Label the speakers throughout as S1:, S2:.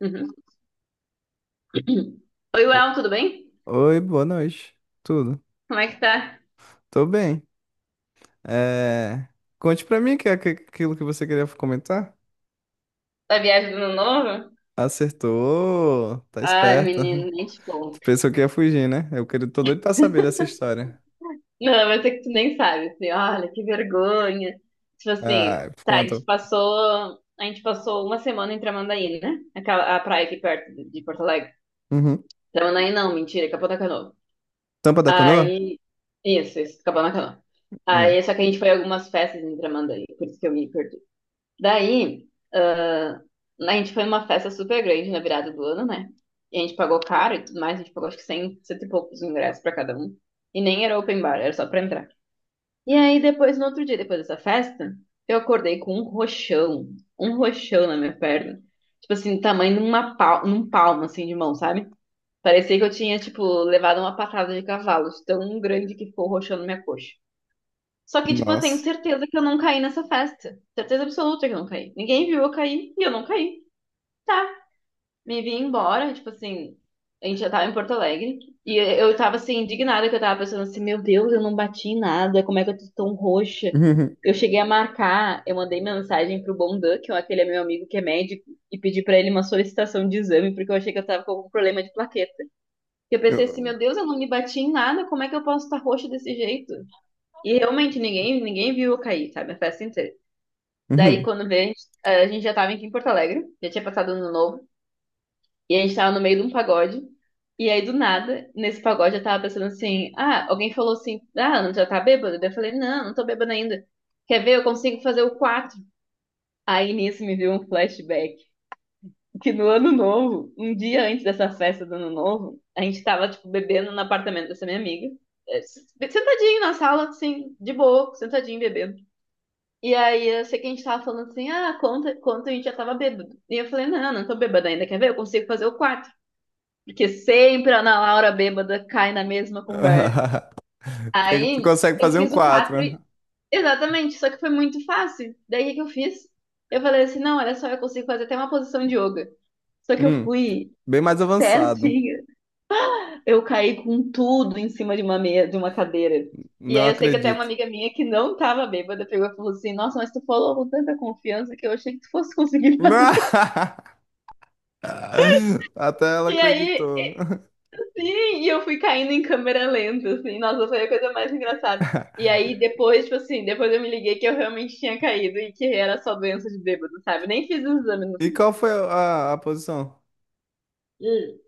S1: Uhum. Oi,
S2: O-
S1: Well, tudo bem?
S2: Oi, boa noite. Tudo?
S1: Como é que tá?
S2: Tô bem. É, Conte pra mim que é aquilo que você queria comentar.
S1: Tá viagem do ano novo?
S2: Acertou, tá
S1: Ai,
S2: esperta.
S1: menino, nem te
S2: Tu
S1: conto.
S2: pensou que ia fugir, né? Eu queria... tô doido pra saber dessa história.
S1: Não, mas é que tu nem sabe, assim, olha, que vergonha. Tipo assim,
S2: Ah,
S1: tá, a
S2: conta.
S1: gente passou, a gente passou uma semana em Tramandaí, né? Aquela, a praia aqui perto de Porto Alegre.
S2: Uhum.
S1: Tramandaí não, mentira, Capão da Canoa.
S2: Tampa da canoa?
S1: Aí, isso, Capão da Canoa.
S2: Hum.
S1: Aí, só que a gente foi a algumas festas em Tramandaí, por isso que eu me perdi. Daí, ah, a gente foi numa festa super grande na virada do ano, né? E a gente pagou caro e tudo mais, a gente pagou acho que 100, cento e poucos ingressos pra cada um. E nem era open bar, era só pra entrar. E aí, depois, no outro dia, depois dessa festa, eu acordei com um roxão na minha perna. Tipo assim, tamanho de uma pal num palmo, assim, de mão, sabe? Parecia que eu tinha, tipo, levado uma patada de cavalo, de tão grande que ficou o roxão na minha coxa. Só que, tipo, eu tenho
S2: Nossa.
S1: certeza que eu não caí nessa festa. Certeza absoluta que eu não caí. Ninguém viu eu cair e eu não caí. Tá, me vi embora, tipo assim, a gente já tava em Porto Alegre. E eu tava assim, indignada, que eu tava pensando assim, meu Deus, eu não bati em nada, como é que eu tô tão roxa?
S2: Uhum.
S1: Eu cheguei a marcar, eu mandei mensagem pro Bondan, que é aquele meu amigo que é médico, e pedi pra ele uma solicitação de exame, porque eu achei que eu tava com algum problema de plaqueta. Eu pensei assim,
S2: Eu-
S1: meu Deus, eu não me bati em nada, como é que eu posso estar roxa desse jeito? E realmente ninguém, ninguém viu eu cair, sabe? A festa inteira. Daí
S2: Uhum.
S1: quando veio, a gente já tava aqui em Porto Alegre, já tinha passado ano novo, e a gente tava no meio de um pagode. E aí do nada, nesse pagode eu tava pensando assim: ah, alguém falou assim, ah, não já tá bêbado? Daí eu falei: não, não tô bêbado ainda. Quer ver? Eu consigo fazer o 4? Aí nisso me veio um flashback que no ano novo, um dia antes dessa festa do ano novo, a gente tava tipo bebendo no apartamento dessa minha amiga. Sentadinho na sala, assim, de boa, sentadinho bebendo. E aí eu sei que a gente tava falando assim, ah, conta, conta, a gente já tava bêbado. E eu falei, não, não, não tô bêbada ainda, quer ver? Eu consigo fazer o quarto. Porque sempre a Ana Laura bêbada cai na mesma conversa.
S2: Tu
S1: Aí
S2: consegue
S1: eu
S2: fazer um
S1: fiz o quatro,
S2: quatro?
S1: exatamente, só que foi muito fácil. Daí o que que eu fiz? Eu falei assim, não, olha só, eu consigo fazer até uma posição de yoga. Só que eu
S2: Hum.
S1: fui
S2: Bem mais avançado.
S1: certinha. Eu caí com tudo em cima de uma meia, de uma cadeira. E
S2: Não
S1: aí eu sei que até uma
S2: acredito.
S1: amiga minha que não tava bêbada pegou e falou assim: Nossa, mas tu falou com tanta confiança que eu achei que tu fosse conseguir fazer.
S2: Até ela
S1: E aí,
S2: acreditou.
S1: sim, e eu fui caindo em câmera lenta, assim. Nossa, foi a coisa mais engraçada. E aí depois, tipo assim, depois eu me liguei que eu realmente tinha caído e que era só doença de bêbado, sabe? Nem fiz o exame no
S2: E
S1: fim.
S2: qual foi a posição?
S1: Hum.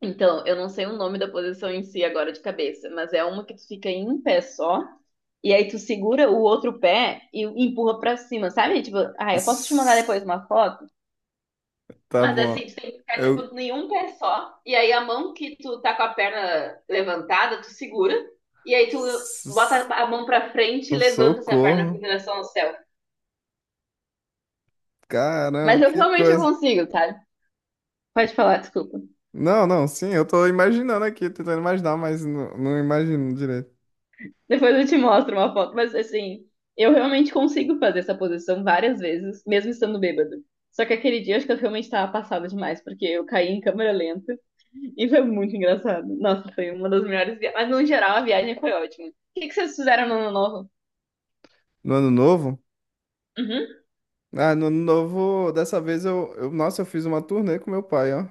S1: Então, eu não sei o nome da posição em si agora de cabeça, mas é uma que tu fica em um pé só. E aí tu segura o outro pé e empurra pra cima, sabe? Tipo, ah, eu posso te mandar depois
S2: S-
S1: uma foto?
S2: Tá
S1: Mas
S2: bom.
S1: assim, tu tem que ficar,
S2: Eu.
S1: tipo, nenhum pé só. E aí a mão que tu tá com a perna levantada, tu segura. E aí tu bota
S2: s-
S1: a mão pra frente e levanta essa perna
S2: Socorro.
S1: em direção ao céu.
S2: Caramba,
S1: Mas eu
S2: que
S1: realmente não
S2: coisa.
S1: consigo, tá? Pode falar, desculpa.
S2: Não, não, sim, eu tô imaginando aqui, tentando imaginar, mas não imagino direito.
S1: Depois eu te mostro uma foto. Mas assim, eu realmente consigo fazer essa posição várias vezes, mesmo estando bêbado. Só que aquele dia acho que eu realmente tava passada demais, porque eu caí em câmera lenta. E foi muito engraçado. Nossa, foi uma das melhores viagens. Mas no geral a viagem foi ótima. O que que vocês fizeram no ano novo?
S2: No ano novo?
S1: Uhum.
S2: Ah, no ano novo, dessa vez eu. Nossa, eu fiz uma turnê com meu pai, ó.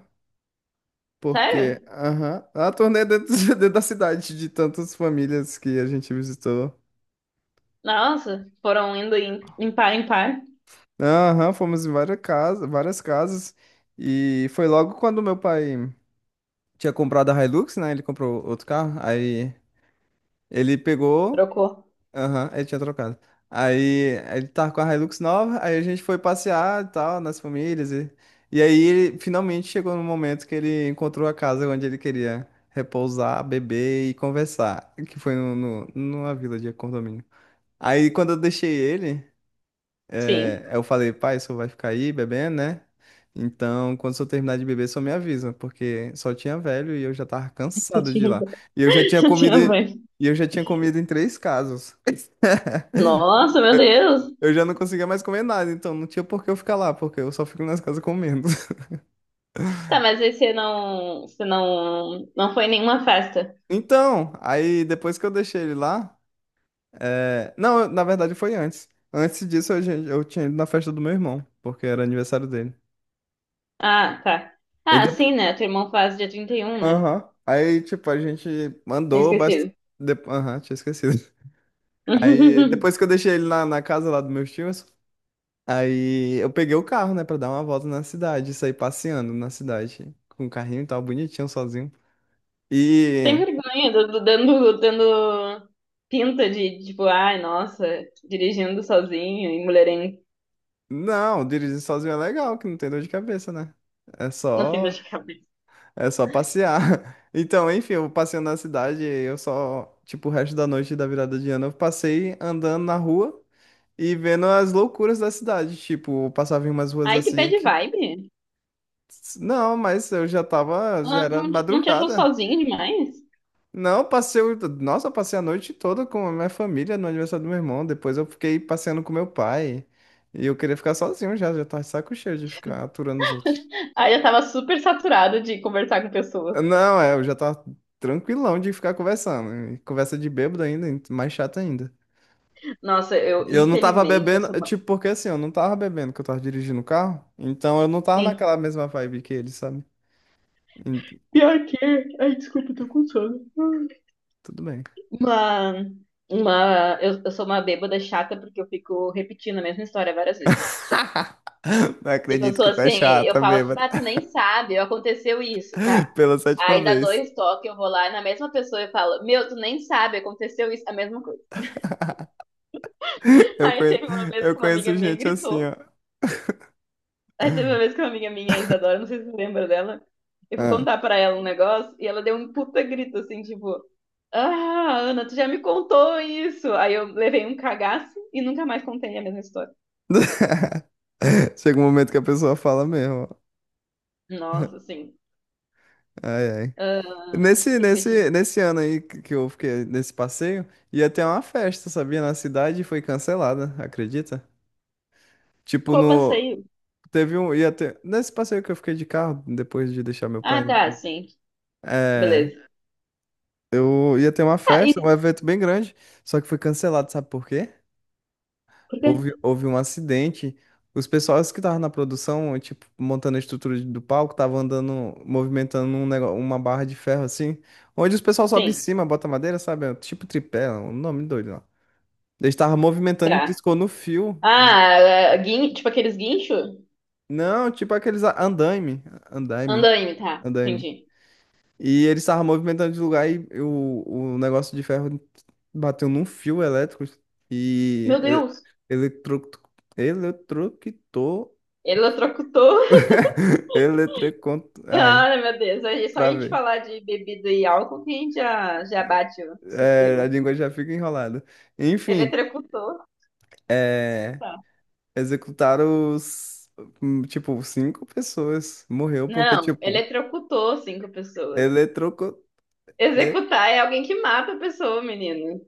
S2: Porque,
S1: Sério?
S2: aham, a turnê dentro, dentro da cidade, de tantas famílias que a gente visitou.
S1: Nossa, foram indo em, par em par.
S2: Aham, fomos em várias casas, várias casas. E foi logo quando meu pai tinha comprado a Hilux, né? Ele comprou outro carro. Aí ele pegou.
S1: Trocou.
S2: Aham, ele tinha trocado. Aí ele tava com a Hilux nova. Aí a gente foi passear e tal, nas famílias. E aí ele finalmente chegou no momento que ele encontrou a casa onde ele queria repousar, beber e conversar. Que foi no, no, numa vila de condomínio. Aí quando eu deixei ele.
S1: Sim.
S2: É, aí eu falei, pai, o senhor vai ficar aí bebendo, né? Então, quando o senhor terminar de beber, só me avisa, porque só tinha velho e eu já tava
S1: Eu
S2: cansado de ir
S1: tinha,
S2: lá. E eu já tinha
S1: eu
S2: comido,
S1: tinha
S2: e
S1: vai.
S2: eu já tinha comido em três casos.
S1: Nossa, meu Deus.
S2: Eu já não conseguia mais comer nada, então não tinha por que eu ficar lá, porque eu só fico nas casas comendo.
S1: Tá, mas aí você não, não foi em nenhuma festa.
S2: Então, aí depois que eu deixei ele lá, é, não, eu- na verdade foi antes. Antes disso eu tinha ido na festa do meu irmão, porque era aniversário dele.
S1: Ah, tá.
S2: E
S1: Ah, sim,
S2: depois
S1: né? Teu irmão faz dia 31, né?
S2: Aham. Aí, tipo, a gente
S1: Tinha
S2: mandou bastante.
S1: esquecido.
S2: Aham, tinha esquecido. Aí, depois que eu deixei ele na casa lá dos meus tios, aí eu peguei o carro, né, pra dar uma volta na cidade, sair passeando na cidade, com o carrinho e tal, bonitinho, sozinho.
S1: Sem
S2: E,
S1: vergonha, dando pinta de, tipo, ai, nossa, dirigindo sozinho e mulherengo.
S2: não, dirigir sozinho é legal, que não tem dor de cabeça, né? É
S1: Não tem dor
S2: só,
S1: de cabeça.
S2: É só passear. Então, enfim, eu passeando na cidade, eu só, tipo, o resto da noite da virada de ano, eu passei andando na rua. E vendo as loucuras da cidade. Tipo, eu passava em umas ruas
S1: Ai, que
S2: assim
S1: bad
S2: que.
S1: vibe.
S2: Não, mas eu já tava. Já
S1: Ela
S2: era
S1: não, te- Não te achou
S2: madrugada.
S1: sozinho demais?
S2: Não, eu passei. Nossa, eu passei a noite toda com a minha família no aniversário do meu irmão. Depois eu fiquei passeando com meu pai. E eu queria ficar sozinho já. Já tava de saco cheio de ficar aturando os outros.
S1: Ai, eu tava super saturada de conversar com pessoas.
S2: Não, é, eu já tava tranquilão de ficar conversando. E conversa de bêbado ainda, e mais chato ainda.
S1: Nossa, eu,
S2: Eu não tava
S1: infelizmente, eu
S2: bebendo,
S1: sou uma...
S2: tipo, porque assim, eu não tava bebendo que eu tava dirigindo o carro, então eu não tava
S1: Sim.
S2: naquela mesma vibe que ele, sabe? Hum,
S1: Pior que... Ai, desculpa, eu tô com sono.
S2: Tudo bem.
S1: Uma... Uma... Eu sou uma bêbada chata porque eu fico repetindo a mesma história várias vezes.
S2: Não
S1: Tipo, eu
S2: acredito
S1: sou
S2: que tá
S1: assim, eu
S2: chata,
S1: falo,
S2: bêbada.
S1: ah, tu nem sabe, aconteceu isso, tá?
S2: Pela sétima
S1: Aí dá
S2: vez.
S1: dois toques, eu vou lá na mesma pessoa e falo, meu, tu nem sabe, aconteceu isso, a mesma coisa.
S2: Eu
S1: Aí
S2: conheço,
S1: teve uma vez
S2: eu
S1: que uma amiga
S2: conheço
S1: minha
S2: gente assim,
S1: gritou.
S2: ó.
S1: Aí teve uma vez que uma amiga minha, a Isadora, não sei se você lembra dela, eu fui
S2: Ah.
S1: contar pra ela um negócio e ela deu um puta grito, assim, tipo, ah, Ana, tu já me contou isso. Aí eu levei um cagaço e nunca mais contei a mesma história.
S2: Chega um momento que a pessoa fala mesmo.
S1: Nossa, assim,
S2: Ai, ai.
S1: ah, o que que eu te digo?
S2: Nesse ano aí que eu fiquei nesse passeio, ia ter uma festa, sabia? Na cidade e foi cancelada, acredita? Tipo,
S1: Copa
S2: no.
S1: saiu.
S2: Teve um. Ia ter, nesse passeio que eu fiquei de carro, depois de deixar meu pai.
S1: Ah, tá, sim,
S2: É.
S1: beleza.
S2: Eu ia ter uma
S1: Ah,
S2: festa,
S1: isso,
S2: um evento bem grande, só que foi cancelado, sabe por quê?
S1: porque...
S2: Houve um acidente. Os pessoais que estavam na produção, tipo, montando a estrutura do palco, estavam andando, movimentando um negócio, uma barra de ferro assim, onde os pessoal sobe em
S1: Sim,
S2: cima, bota madeira, sabe? É um tipo tripé, um nome doido lá. Eles estavam movimentando e
S1: tá.
S2: piscou no fio. E...
S1: Ah, é, tipo aqueles guincho?
S2: Não, tipo aqueles andaime, andaime,
S1: Andaime, tá.
S2: andaime.
S1: Entendi.
S2: E ele estava movimentando de lugar e o negócio de ferro bateu num fio elétrico e
S1: Meu Deus,
S2: eletro, eletrocutou.
S1: eletrocutou.
S2: Eletrocont... Ai,
S1: Ah, meu Deus. Só a gente
S2: travei.
S1: falar de bebida e álcool que a gente já, já bate o
S2: É, a
S1: sistema.
S2: língua já fica enrolada. Enfim,
S1: Eletrocutou.
S2: é,
S1: Tá.
S2: executaram os. Tipo, cinco pessoas. Morreu porque,
S1: Não,
S2: tipo,
S1: eletrocutou cinco pessoas.
S2: eletrocu...
S1: Executar é alguém que mata a pessoa, menino.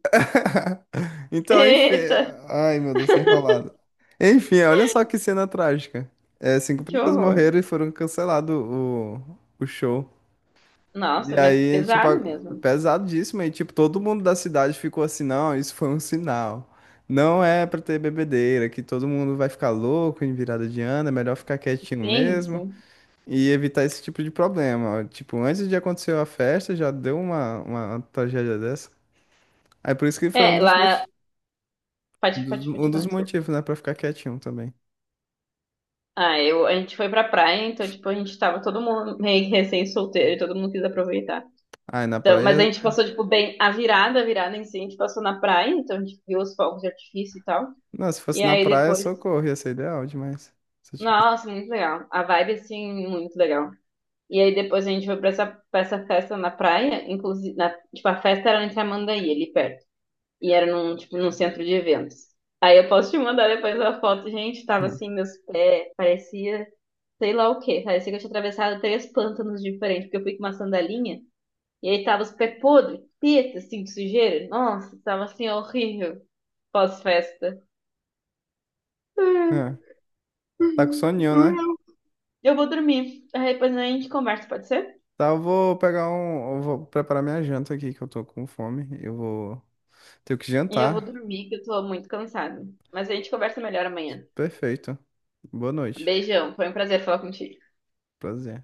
S2: Então, enfim.
S1: Eita,
S2: Ai, meu Deus, tô enrolado. Enfim, olha só que cena trágica. É, cinco
S1: que
S2: pessoas
S1: horror.
S2: morreram e foram cancelado o show. E
S1: Nossa, mas
S2: aí, tipo,
S1: pesado mesmo.
S2: pesadíssimo. E, tipo, todo mundo da cidade ficou assim: não, isso foi um sinal. Não é pra ter bebedeira, que todo mundo vai ficar louco em virada de ano, é melhor ficar quietinho
S1: Sim,
S2: mesmo
S1: sim.
S2: e evitar esse tipo de problema. Tipo, antes de acontecer a festa, já deu uma tragédia dessa. Aí, por isso que foi um
S1: É,
S2: dos
S1: lá.
S2: motivos.
S1: Pode, pode,
S2: Um
S1: pode,
S2: dos
S1: desculpa.
S2: motivos, né, pra ficar quietinho também.
S1: Ah, a gente foi pra praia, então, tipo, a gente tava todo mundo meio que recém-solteiro, e todo mundo quis aproveitar.
S2: Ah, e na
S1: Então, mas a
S2: praia.
S1: gente passou, tipo, bem a virada em si, a gente passou na praia, então a gente viu os fogos de artifício e tal.
S2: Não, se
S1: E
S2: fosse na
S1: aí
S2: praia,
S1: depois,
S2: socorro, ia ser ideal demais. Se eu tivesse.
S1: nossa, muito legal. A vibe, assim, muito legal. E aí depois a gente foi pra essa, festa na praia, inclusive, tipo, a festa era em Tramandaí, ali perto. E era num centro de eventos. Aí eu posso te mandar depois a foto, gente, tava assim, meus pés, parecia sei lá o quê, parecia que eu tinha atravessado três pântanos diferentes, porque eu fui com uma sandalinha, e aí tava os pés podres, teta, assim, de sujeira. Nossa, tava assim, horrível, pós-festa.
S2: É.
S1: Ai,
S2: É. Tá com soninho, né?
S1: eu vou dormir. Aí depois a gente conversa, pode ser?
S2: Tá, eu vou pegar um. Eu vou preparar minha janta aqui, que eu tô com fome. Eu vou. Tenho que
S1: E eu vou
S2: jantar.
S1: dormir, que eu tô muito cansada. Mas a gente conversa melhor amanhã.
S2: Perfeito. Boa noite.
S1: Beijão, foi um prazer falar contigo.
S2: Prazer.